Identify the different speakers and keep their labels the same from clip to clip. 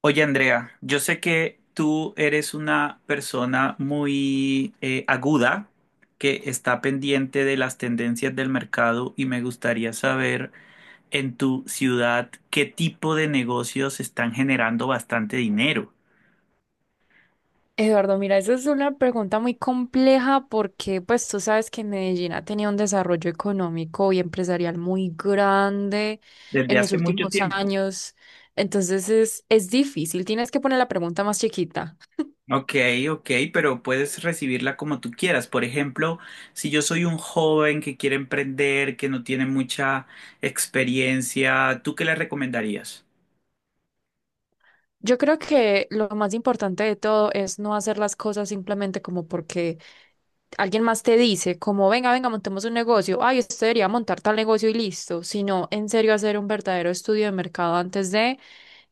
Speaker 1: Oye, Andrea, yo sé que tú eres una persona muy aguda que está pendiente de las tendencias del mercado y me gustaría saber en tu ciudad qué tipo de negocios están generando bastante dinero.
Speaker 2: Eduardo, mira, esa es una pregunta muy compleja porque pues tú sabes que Medellín ha tenido un desarrollo económico y empresarial muy grande
Speaker 1: Desde
Speaker 2: en los
Speaker 1: hace mucho
Speaker 2: últimos
Speaker 1: tiempo.
Speaker 2: años. Entonces es difícil, tienes que poner la pregunta más chiquita.
Speaker 1: Ok, ok, pero puedes recibirla como tú quieras. Por ejemplo, si yo soy un joven que quiere emprender, que no tiene mucha experiencia, ¿tú qué le recomendarías?
Speaker 2: Yo creo que lo más importante de todo es no hacer las cosas simplemente como porque alguien más te dice, como venga, venga, montemos un negocio, ay, usted debería montar tal negocio y listo, sino en serio hacer un verdadero estudio de mercado antes de,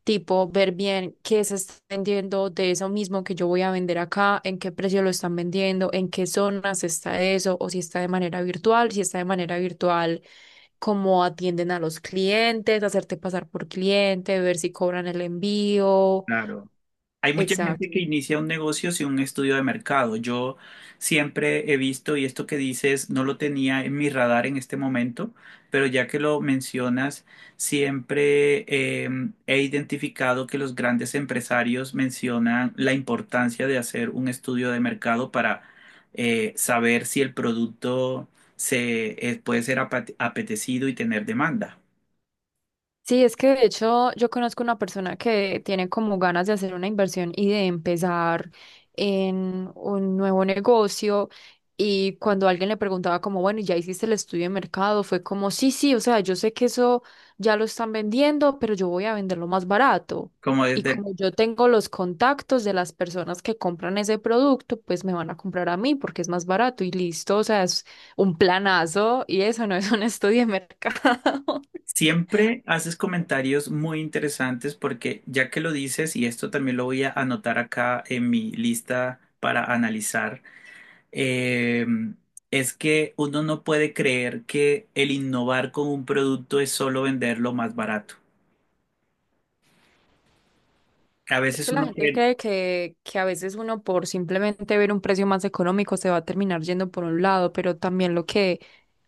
Speaker 2: tipo, ver bien qué se está vendiendo de eso mismo que yo voy a vender acá, en qué precio lo están vendiendo, en qué zonas está eso, o si está de manera virtual, si está de manera virtual cómo atienden a los clientes, hacerte pasar por cliente, ver si cobran el envío.
Speaker 1: Claro. Hay mucha gente
Speaker 2: Exacto.
Speaker 1: que inicia un negocio sin un estudio de mercado. Yo siempre he visto, y esto que dices no lo tenía en mi radar en este momento, pero ya que lo mencionas, siempre eh, he identificado que los grandes empresarios mencionan la importancia de hacer un estudio de mercado para saber si el producto puede ser apetecido y tener demanda.
Speaker 2: Sí, es que de hecho yo conozco una persona que tiene como ganas de hacer una inversión y de empezar en un nuevo negocio, y cuando alguien le preguntaba como, bueno, ¿y ¿ya hiciste el estudio de mercado? Fue como, sí, sí, o sea, yo sé que eso ya lo están vendiendo, pero yo voy a venderlo más barato.
Speaker 1: Como
Speaker 2: Y
Speaker 1: desde el…
Speaker 2: como yo tengo los contactos de las personas que compran ese producto, pues me van a comprar a mí porque es más barato y listo, o sea, es un planazo y eso no es un estudio de mercado.
Speaker 1: Siempre haces comentarios muy interesantes porque ya que lo dices, y esto también lo voy a anotar acá en mi lista para analizar. eh, es que uno no puede creer que el innovar con un producto es solo venderlo más barato. A
Speaker 2: Es
Speaker 1: veces
Speaker 2: que la
Speaker 1: uno
Speaker 2: gente
Speaker 1: cree,
Speaker 2: cree que a veces uno por simplemente ver un precio más económico se va a terminar yendo por un lado, pero también lo que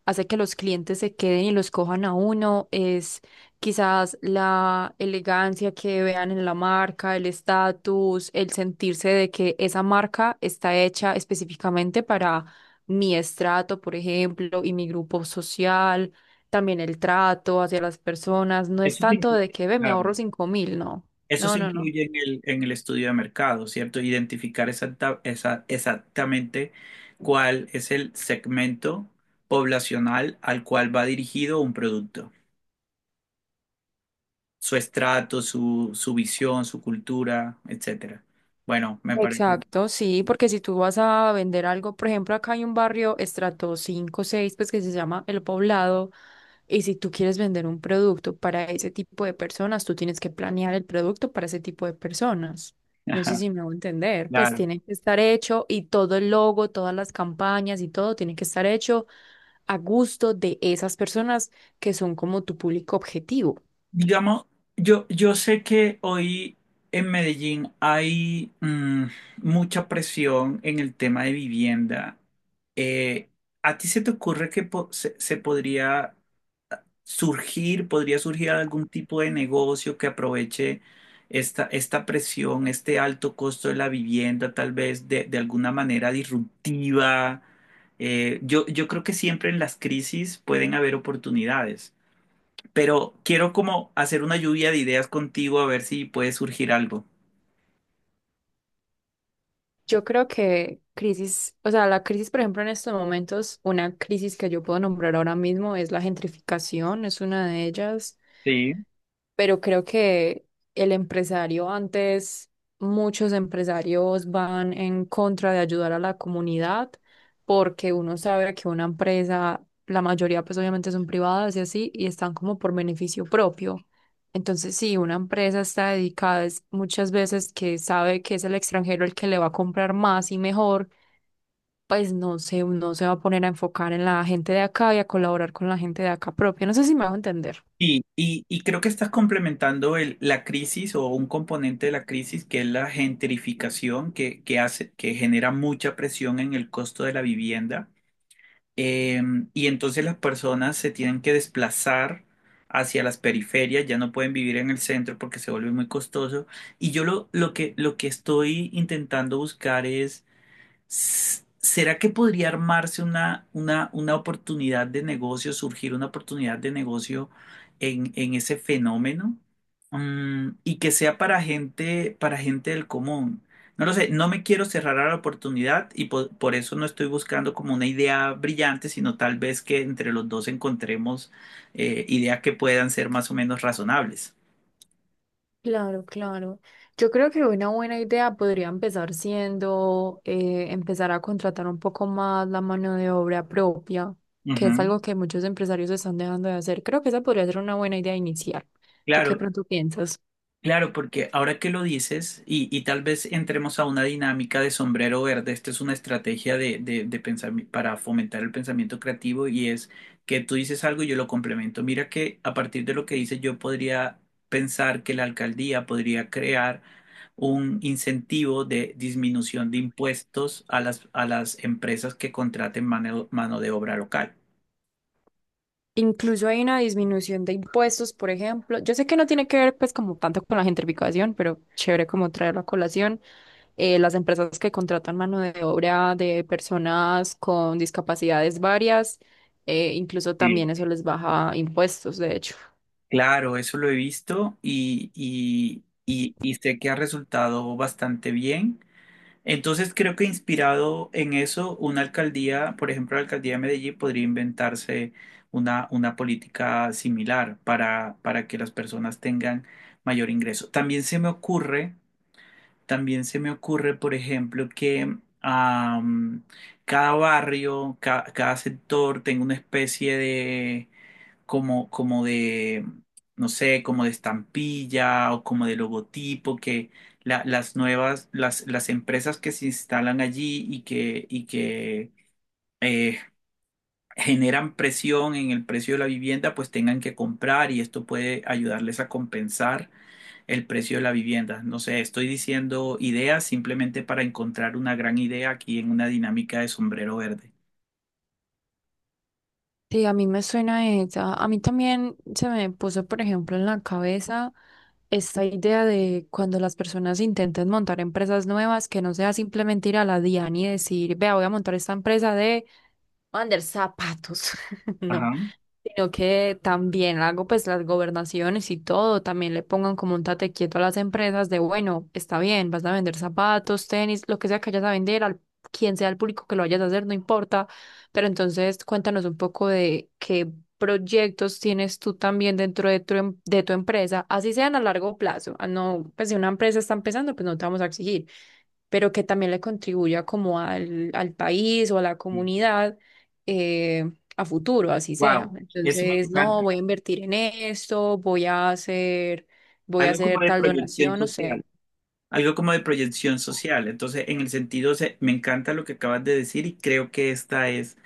Speaker 2: hace que los clientes se queden y los cojan a uno es quizás la elegancia que vean en la marca, el estatus, el sentirse de que esa marca está hecha específicamente para mi estrato, por ejemplo, y mi grupo social, también el trato hacia las personas. No es
Speaker 1: eso se
Speaker 2: tanto
Speaker 1: inclu-
Speaker 2: de que ve, me
Speaker 1: claro,
Speaker 2: ahorro 5000, no.
Speaker 1: eso
Speaker 2: No,
Speaker 1: se
Speaker 2: no, no.
Speaker 1: incluye en en el estudio de mercado, ¿cierto? Identificar exactamente cuál es el segmento poblacional al cual va dirigido un producto, su estrato, su visión, su cultura, etcétera. Bueno, me parece.
Speaker 2: Exacto, sí, porque si tú vas a vender algo, por ejemplo, acá hay un barrio estrato 5, 6, pues, que se llama El Poblado, y si tú quieres vender un producto para ese tipo de personas, tú tienes que planear el producto para ese tipo de personas. No sé
Speaker 1: Ajá,
Speaker 2: si me hago entender, pues
Speaker 1: claro.
Speaker 2: tiene que estar hecho y todo el logo, todas las campañas y todo tiene que estar hecho a gusto de esas personas que son como tu público objetivo.
Speaker 1: Digamos, yo sé que hoy en Medellín hay mucha presión en el tema de vivienda. Eh, ¿A ti se te ocurre que se podría surgir algún tipo de negocio que aproveche esta presión, este alto costo de la vivienda, tal vez de alguna manera disruptiva? Yo creo que siempre en las crisis pueden haber oportunidades, pero quiero como hacer una lluvia de ideas contigo a ver si puede surgir algo.
Speaker 2: Yo creo que crisis, o sea, la crisis, por ejemplo, en estos momentos, una crisis que yo puedo nombrar ahora mismo es la gentrificación, es una de ellas,
Speaker 1: Sí.
Speaker 2: pero creo que el empresario antes, muchos empresarios van en contra de ayudar a la comunidad porque uno sabe que una empresa, la mayoría pues obviamente son privadas y así, y están como por beneficio propio. Entonces, sí, una empresa está dedicada es muchas veces que sabe que es el extranjero el que le va a comprar más y mejor, pues no se va a poner a enfocar en la gente de acá y a colaborar con la gente de acá propia. No sé si me hago entender.
Speaker 1: Sí, y creo que estás complementando la crisis o un componente de la crisis, que es la gentrificación, que hace, que genera mucha presión en el costo de la vivienda. Eh, y entonces las personas se tienen que desplazar hacia las periferias, ya no pueden vivir en el centro porque se vuelve muy costoso. Y yo lo que estoy intentando buscar es… ¿Será que podría armarse una oportunidad de negocio, surgir una oportunidad de negocio en ese fenómeno? Mm, y que sea para gente del común. No lo sé, no me quiero cerrar a la oportunidad y por eso no estoy buscando como una idea brillante, sino tal vez que entre los dos encontremos ideas que puedan ser más o menos razonables.
Speaker 2: Claro, claro. Yo creo que una buena idea podría empezar siendo empezar a contratar un poco más la mano de obra propia, que es
Speaker 1: Ujú.
Speaker 2: algo que muchos empresarios están dejando de hacer. Creo que esa podría ser una buena idea inicial. ¿Tú qué
Speaker 1: Claro.
Speaker 2: pronto piensas?
Speaker 1: Claro, porque ahora que lo dices, y tal vez entremos a una dinámica de sombrero verde. Esta es una estrategia de, de para fomentar el pensamiento creativo, y es que tú dices algo y yo lo complemento. Mira que a partir de lo que dices yo podría pensar que la alcaldía podría crear un incentivo de disminución de impuestos a las empresas que contraten mano de obra local.
Speaker 2: Incluso hay una disminución de impuestos, por ejemplo. Yo sé que no tiene que ver pues como tanto con la gentrificación, pero chévere como traerlo a colación. Las empresas que contratan mano de obra de personas con discapacidades varias, incluso
Speaker 1: Sí.
Speaker 2: también eso les baja impuestos, de hecho.
Speaker 1: Claro, eso lo he visto, y sé que ha resultado bastante bien. Entonces creo que, inspirado en eso, una alcaldía, por ejemplo, la alcaldía de Medellín, podría inventarse una política similar para que las personas tengan mayor ingreso. También se me ocurre, también se me ocurre, por ejemplo, que am, cada barrio, cada sector tenga una especie de como, como de, no sé, como de estampilla o como de logotipo, que las nuevas, las empresas que se instalan allí y que eh, generan presión en el precio de la vivienda, pues tengan que comprar, y esto puede ayudarles a compensar el precio de la vivienda. No sé, estoy diciendo ideas simplemente para encontrar una gran idea aquí en una dinámica de sombrero verde.
Speaker 2: Sí, a mí me suena esa. A mí también se me puso, por ejemplo, en la cabeza esta idea de cuando las personas intenten montar empresas nuevas, que no sea simplemente ir a la DIAN y decir, vea, voy a montar esta empresa de vender zapatos, no,
Speaker 1: Ajá.
Speaker 2: sino que también hago pues las gobernaciones y todo, también le pongan como un tate quieto a las empresas de, bueno, está bien, vas a vender zapatos, tenis, lo que sea que vayas a vender, al quien sea el público que lo vayas a hacer, no importa, pero entonces cuéntanos un poco de qué proyectos tienes tú también dentro de tu, de tu empresa, así sean a largo plazo, ah, no, pues si una empresa está empezando, pues no te vamos a exigir, pero que también le contribuya como al, al país o a la comunidad eh, a futuro, así sea.
Speaker 1: Wow, eso me
Speaker 2: Entonces, no,
Speaker 1: encanta.
Speaker 2: voy a invertir en esto, voy a
Speaker 1: Algo como
Speaker 2: hacer
Speaker 1: de
Speaker 2: tal
Speaker 1: proyección
Speaker 2: donación, no sé.
Speaker 1: social. Algo como de proyección social. Entonces, en el sentido, me encanta lo que acabas de decir y creo que esta es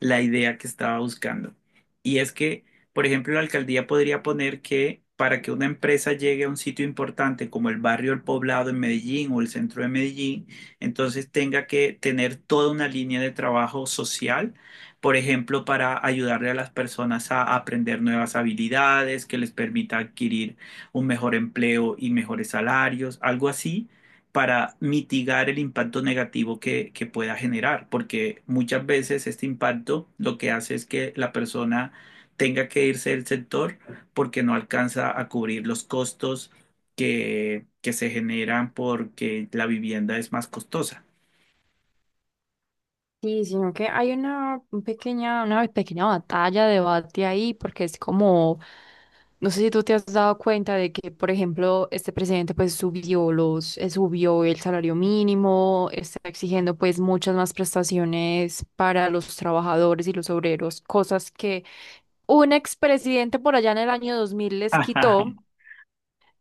Speaker 1: la idea que estaba buscando. Y es que, por ejemplo, la alcaldía podría poner que, para que una empresa llegue a un sitio importante como el barrio El Poblado en Medellín o el centro de Medellín, entonces tenga que tener toda una línea de trabajo social. Por ejemplo, para ayudarle a las personas a aprender nuevas habilidades que les permita adquirir un mejor empleo y mejores salarios, algo así, para mitigar el impacto negativo que pueda generar, porque muchas veces este impacto lo que hace es que la persona tenga que irse del sector porque no alcanza a cubrir los costos que se generan porque la vivienda es más costosa.
Speaker 2: Sí, sino que hay una un pequeña, una pequeña batalla, debate ahí, porque es como, no sé si tú te has dado cuenta de que, por ejemplo, este presidente pues subió los, subió el salario mínimo, está exigiendo pues muchas más prestaciones para los trabajadores y los obreros, cosas que un expresidente por allá en el año 2000 les
Speaker 1: Ajá.
Speaker 2: quitó.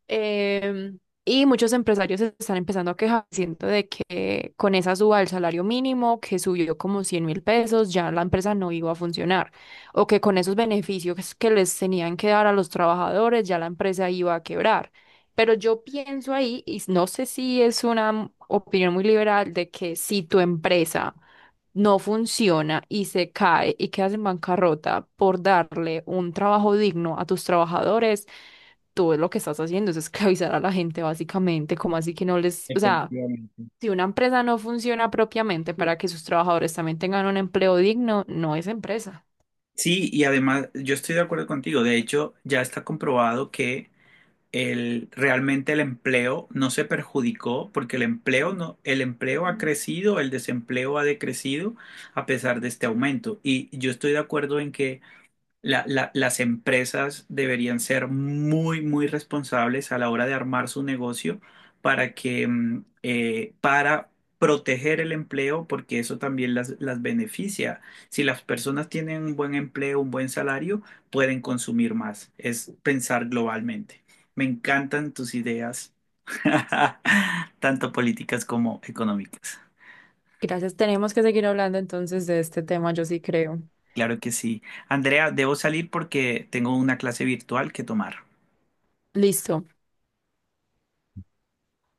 Speaker 2: Y muchos empresarios se están empezando a quejar, siento de que con esa suba del salario mínimo, que subió como 100.000 pesos, ya la empresa no iba a funcionar. O que con esos beneficios que les tenían que dar a los trabajadores, ya la empresa iba a quebrar. Pero yo pienso ahí, y no sé si es una opinión muy liberal, de que si tu empresa no funciona y se cae y quedas en bancarrota por darle un trabajo digno a tus trabajadores, tú lo que estás haciendo es esclavizar a la gente básicamente, como así que no les, o sea,
Speaker 1: Efectivamente.
Speaker 2: si una empresa no funciona propiamente para que sus trabajadores también tengan un empleo digno, no es empresa.
Speaker 1: Sí, y además yo estoy de acuerdo contigo. De hecho, ya está comprobado que realmente el empleo no se perjudicó, porque el empleo no, el empleo ha crecido, el desempleo ha decrecido a pesar de este aumento. Y yo estoy de acuerdo en que las empresas deberían ser muy, muy responsables a la hora de armar su negocio para que, para proteger el empleo, porque eso también las beneficia. Si las personas tienen un buen empleo, un buen salario, pueden consumir más. Es pensar globalmente. Me encantan tus ideas, tanto políticas como económicas.
Speaker 2: Gracias, tenemos que seguir hablando entonces de este tema, yo sí creo.
Speaker 1: Claro que sí. Andrea, debo salir porque tengo una clase virtual que tomar.
Speaker 2: Listo.